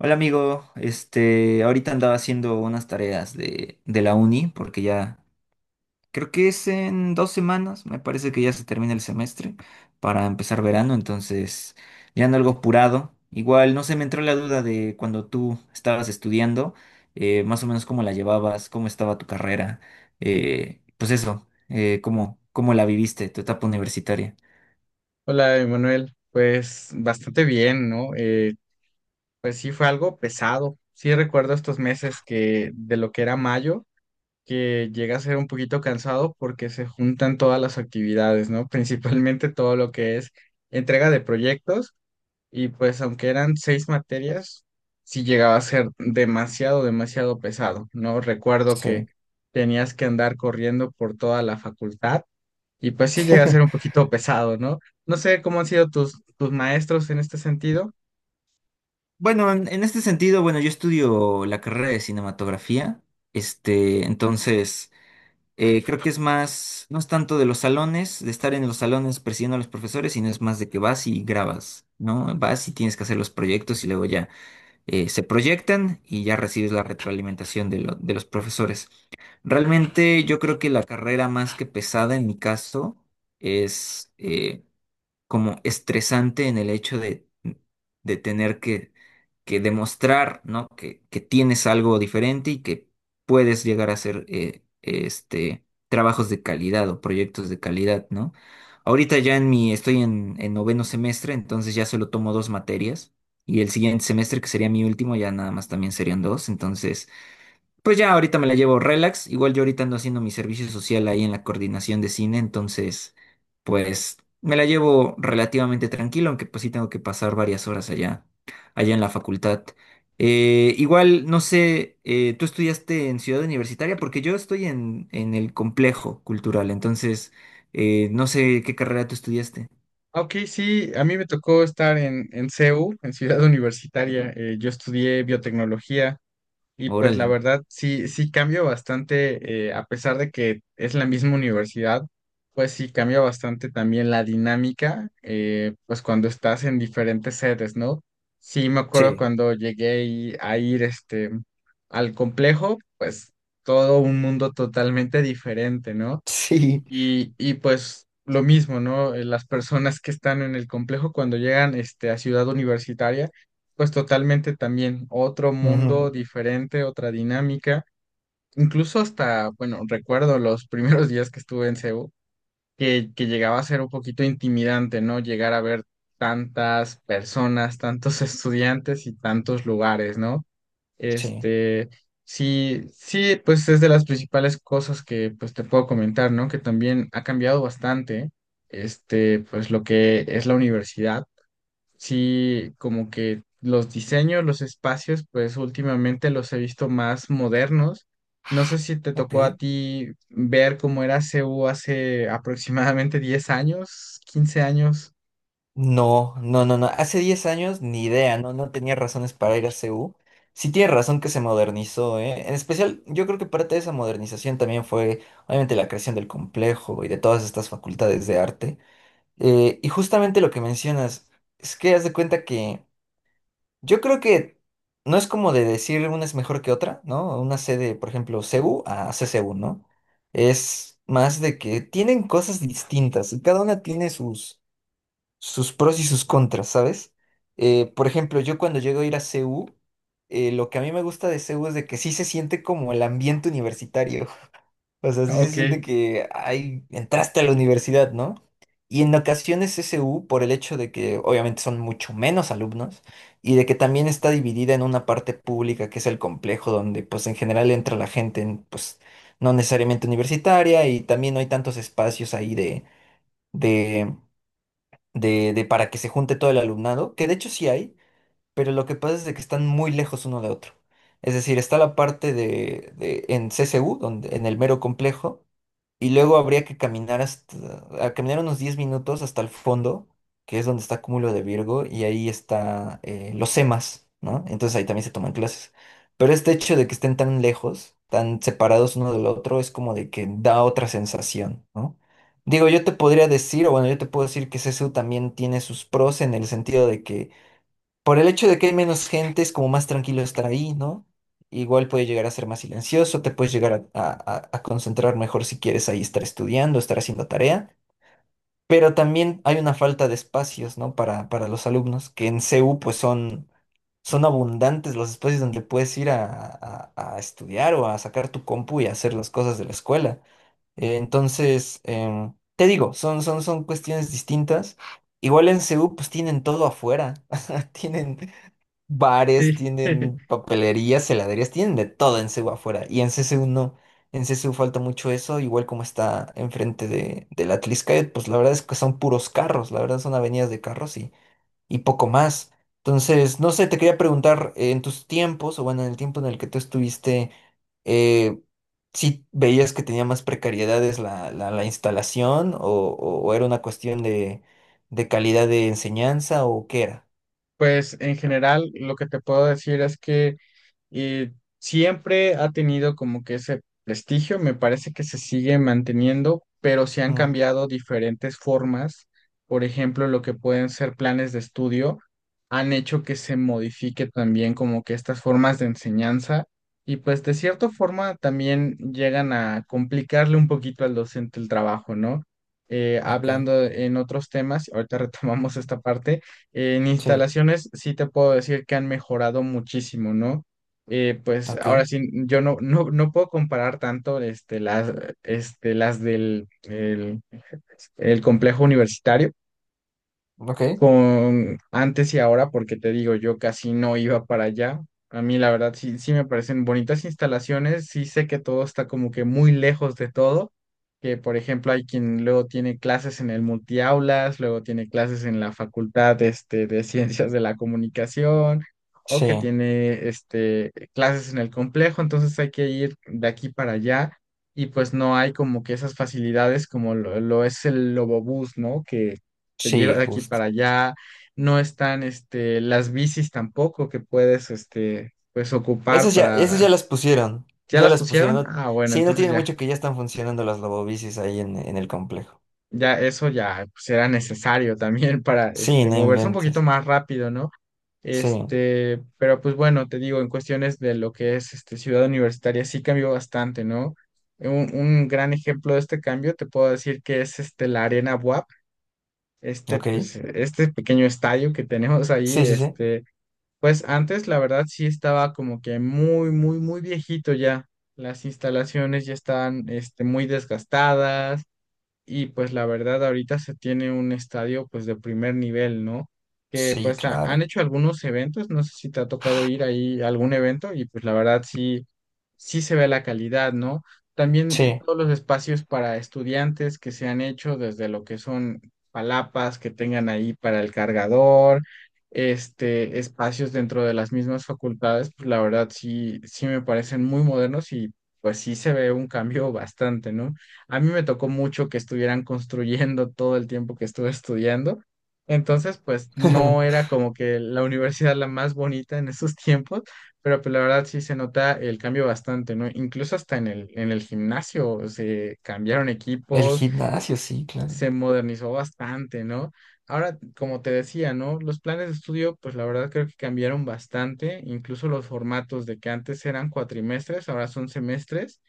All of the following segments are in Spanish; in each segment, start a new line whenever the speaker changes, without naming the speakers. Hola amigo, ahorita andaba haciendo unas tareas de la uni porque ya creo que es en 2 semanas, me parece que ya se termina el semestre para empezar verano, entonces ya ando algo apurado. Igual no se me entró la duda de cuando tú estabas estudiando, más o menos cómo la llevabas, cómo estaba tu carrera, pues eso, cómo la viviste, tu etapa universitaria.
Hola, Emanuel. Pues bastante bien, ¿no? Pues sí fue algo pesado. Sí recuerdo estos meses que de lo que era mayo, que llega a ser un poquito cansado porque se juntan todas las actividades, ¿no? Principalmente todo lo que es entrega de proyectos y pues aunque eran seis materias, sí llegaba a ser demasiado, demasiado pesado, ¿no? Recuerdo que
Sí.
tenías que andar corriendo por toda la facultad y pues sí llega a ser un poquito pesado, ¿no? No sé cómo han sido tus maestros en este sentido.
Bueno, en este sentido, bueno, yo estudio la carrera de cinematografía, entonces creo que es más, no es tanto de los salones, de estar en los salones persiguiendo a los profesores, sino es más de que vas y grabas, ¿no? Vas y tienes que hacer los proyectos y luego ya se proyectan y ya recibes la retroalimentación de los profesores. Realmente yo creo que la carrera más que pesada en mi caso es, como estresante en el hecho de tener que demostrar, ¿no? Que tienes algo diferente y que puedes llegar a hacer trabajos de calidad o proyectos de calidad, ¿no? Ahorita ya en mi, estoy en noveno semestre, entonces ya solo tomo 2 materias. Y el siguiente semestre, que sería mi último, ya nada más también serían dos. Entonces, pues ya ahorita me la llevo relax. Igual yo ahorita ando haciendo mi servicio social ahí en la coordinación de cine, entonces pues me la llevo relativamente tranquilo, aunque pues sí tengo que pasar varias horas allá en la facultad. Igual, no sé, ¿tú estudiaste en Ciudad Universitaria? Porque yo estoy en el complejo cultural, entonces no sé qué carrera tú estudiaste.
Ah, Ok, sí, a mí me tocó estar en CEU, en Ciudad Universitaria. Yo estudié biotecnología. Y pues la
Órale.
verdad, sí, sí cambia bastante, a pesar de que es la misma universidad, pues sí cambia bastante también la dinámica, pues cuando estás en diferentes sedes, ¿no? Sí, me acuerdo
Sí.
cuando llegué a ir al complejo, pues todo un mundo totalmente diferente, ¿no?
Sí.
Y pues lo mismo, ¿no? Las personas que están en el complejo cuando llegan a Ciudad Universitaria, pues totalmente también otro
Ujú.
mundo diferente, otra dinámica. Incluso hasta, bueno, recuerdo los primeros días que estuve en CEU, que llegaba a ser un poquito intimidante, ¿no? Llegar a ver tantas personas, tantos estudiantes y tantos lugares, ¿no?
Sí.
Este, sí, sí, pues es de las principales cosas que pues te puedo comentar, ¿no? Que también ha cambiado bastante, pues lo que es la universidad. Sí, como que los diseños, los espacios, pues últimamente los he visto más modernos. No sé si te
Ok.
tocó a ti ver cómo era CU hace aproximadamente 10 años, 15 años.
No, no, no, no. Hace 10 años ni idea, no, no tenía razones para ir a C U. Sí tiene razón que se modernizó, ¿eh? En especial, yo creo que parte de esa modernización también fue, obviamente, la creación del complejo y de todas estas facultades de arte. Y justamente lo que mencionas, es que haz de cuenta que yo creo que no es como de decir una es mejor que otra, ¿no? Una sede, por ejemplo, C U a C C U, ¿no? Es más de que tienen cosas distintas y cada una tiene sus pros y sus contras, ¿sabes? Por ejemplo, yo cuando llego a ir a CU, lo que a mí me gusta de CU es de que sí se siente como el ambiente universitario. O sea, sí se
Ok,
siente que ay, entraste a la universidad, ¿no? Y en ocasiones SU, por el hecho de que obviamente son mucho menos alumnos y de que también está dividida en una parte pública que es el complejo donde pues en general entra la gente pues no necesariamente universitaria y también no hay tantos espacios ahí de, de para que se junte todo el alumnado, que de hecho sí hay, pero lo que pasa es de que están muy lejos uno de otro. Es decir, está la parte en CCU, donde, en el mero complejo, y luego habría que caminar a caminar unos 10 minutos hasta el fondo, que es donde está Cúmulo de Virgo, y ahí está los EMAs, ¿no? Entonces ahí también se toman clases. Pero este hecho de que estén tan lejos, tan separados uno del otro, es como de que da otra sensación, ¿no? Digo, yo te podría decir, o bueno, yo te puedo decir que C S U también tiene sus pros en el sentido de que por el hecho de que hay menos gente, es como más tranquilo estar ahí, ¿no? Igual puede llegar a ser más silencioso, te puedes llegar a concentrar mejor si quieres ahí estar estudiando, estar haciendo tarea, pero también hay una falta de espacios, ¿no? Para los alumnos, que en CU pues son abundantes los espacios donde puedes ir a estudiar o a sacar tu compu y a hacer las cosas de la escuela. Entonces, te digo, son cuestiones distintas. Igual en CU pues tienen todo afuera, tienen bares,
sí.
tienen papelerías, heladerías, tienen de todo en CEU afuera. Y en C CCU no. En C C CCU falta mucho eso, igual como está enfrente de la Atlixcáyotl, pues la verdad es que son puros carros, la verdad son avenidas de carros y poco más. Entonces, no sé, te quería preguntar, en tus tiempos, o bueno, en el tiempo en el que tú estuviste, eh, si veías que tenía más precariedades la instalación o era una cuestión de calidad de enseñanza o qué era?
Pues en general lo que te puedo decir es que y siempre ha tenido como que ese prestigio, me parece que se sigue manteniendo, pero se han
Mm,
cambiado diferentes formas, por ejemplo, lo que pueden ser planes de estudio, han hecho que se modifique también como que estas formas de enseñanza y pues de cierta forma también llegan a complicarle un poquito al docente el trabajo, ¿no? Eh,
ok,
hablando en otros temas, ahorita retomamos esta parte. En
sí.
instalaciones sí te puedo decir que han mejorado muchísimo, ¿no? Pues
Ok,
ahora sí, yo no puedo comparar tanto las del el complejo universitario
ok.
con antes y ahora, porque te digo, yo casi no iba para allá. A mí la verdad sí, sí me parecen bonitas instalaciones, sí sé que todo está como que muy lejos de todo, que por ejemplo hay quien luego tiene clases en el multiaulas, luego tiene clases en la facultad de ciencias de la comunicación, o que
Sí,
tiene clases en el complejo, entonces hay que ir de aquí para allá. Y pues no hay como que esas facilidades como lo es el Lobobús, ¿no? Que te lleva de
sí,
aquí
justo.
para allá, no están las bicis tampoco que puedes pues ocupar
Esas ya
para.
las pusieron.
¿Ya
Ya
las
las pusieron.
pusieron?
No,
Ah, bueno,
sí, no
entonces
tiene
ya,
mucho que ya están funcionando las lobobicis ahí en el complejo.
ya eso ya pues, era necesario también para
Sí, no
moverse un poquito
inventes.
más rápido, ¿no?
Sí,
Pero pues bueno, te digo, en cuestiones de lo que es Ciudad Universitaria sí cambió bastante, ¿no? Un gran ejemplo de este cambio te puedo decir que es la Arena WAP,
ok.
pues, este pequeño estadio que tenemos ahí.
Sí, sí, sí.
Pues antes, la verdad, sí estaba como que muy, muy, muy viejito ya. Las instalaciones ya estaban, muy desgastadas y pues la verdad ahorita se tiene un estadio pues de primer nivel, ¿no? Que
Sí,
pues han
claro.
hecho algunos eventos, no sé si te ha tocado ir ahí a algún evento y pues la verdad sí, sí se ve la calidad, ¿no? También
Sí.
todos los espacios para estudiantes que se han hecho, desde lo que son palapas que tengan ahí para el cargador, espacios dentro de las mismas facultades, pues la verdad sí, sí me parecen muy modernos y pues sí se ve un cambio bastante, ¿no? A mí me tocó mucho que estuvieran construyendo todo el tiempo que estuve estudiando. Entonces, pues no era como que la universidad la más bonita en esos tiempos, pero pues la verdad sí se nota el cambio bastante, ¿no? Incluso hasta en el gimnasio se cambiaron
El
equipos,
gimnasio, sí, claro.
se modernizó bastante, ¿no? Ahora, como te decía, ¿no? Los planes de estudio, pues la verdad creo que cambiaron bastante, incluso los formatos, de que antes eran cuatrimestres, ahora son semestres,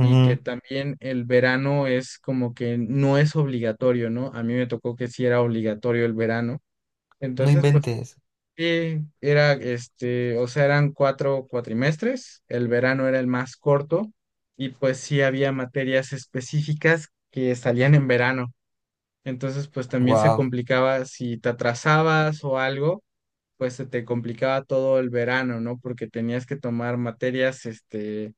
y que también el verano es como que no es obligatorio, ¿no? A mí me tocó que sí era obligatorio el verano.
No
Entonces, pues
inventes.
sí, era o sea, eran 4 cuatrimestres, el verano era el más corto y pues sí había materias específicas que salían en verano. Entonces, pues también se
Wow.
complicaba si te atrasabas o algo, pues se te complicaba todo el verano, ¿no? Porque tenías que tomar materias,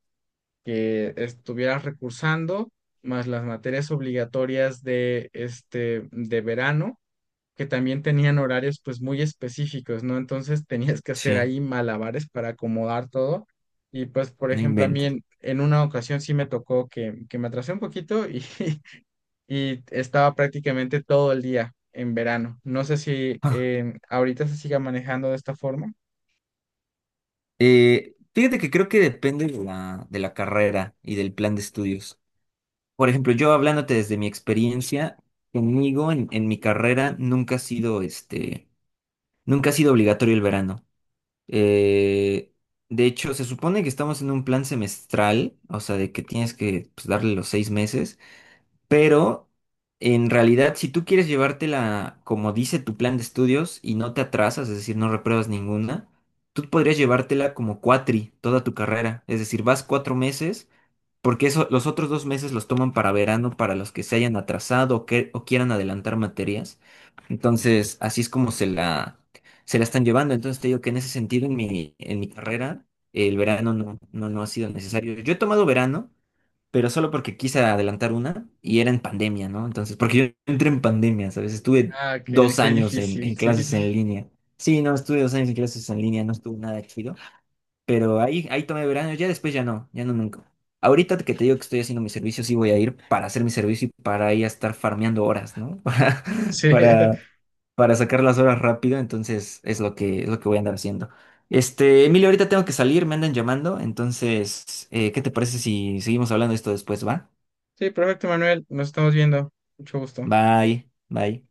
que estuvieras recursando, más las materias obligatorias de verano, que también tenían horarios pues muy específicos, ¿no? Entonces tenías que hacer
Sí,
ahí malabares para acomodar todo. Y pues, por
no
ejemplo, a mí
inventes.
en una ocasión sí me tocó que me atrasé un poquito y, y estaba prácticamente todo el día en verano. No sé si
Ah.
ahorita se siga manejando de esta forma.
Fíjate que creo que depende de de la carrera y del plan de estudios. Por ejemplo, yo hablándote desde mi experiencia, conmigo en mi carrera nunca ha sido nunca ha sido obligatorio el verano. Eh, de hecho, se supone que estamos en un plan semestral, o sea, de que tienes que pues, darle los 6 meses, pero en realidad, si tú quieres llevártela como dice tu plan de estudios y no te atrasas, es decir, no repruebas ninguna, tú podrías llevártela como cuatri toda tu carrera, es decir, vas 4 meses. Porque eso, los otros 2 meses los toman para verano, para los que se hayan atrasado o quieran adelantar materias. Entonces, así es como se la están llevando. Entonces, te digo que en ese sentido, en mi carrera, el verano no ha sido necesario. Yo he tomado verano, pero solo porque quise adelantar una y era en pandemia, ¿no? Entonces, porque yo entré en pandemia, ¿sabes? Estuve
Ah, qué,
dos
qué
años
difícil,
en
sí,
clases en línea. Sí, no, estuve dos años en clases en línea, no estuvo nada chido. Pero ahí tomé verano, ya después ya no, ya no nunca. Ahorita que te digo que estoy haciendo mi servicio, sí voy a ir para hacer mi servicio y para ir a estar farmeando horas, ¿no?
sí.
Para, para sacar las horas rápido, entonces es lo que voy a andar haciendo. Emilio, ahorita tengo que salir, me andan llamando, entonces, ¿qué te parece si seguimos hablando de esto después, va?
Sí, perfecto, Manuel. Nos estamos viendo. Mucho gusto.
Bye, bye.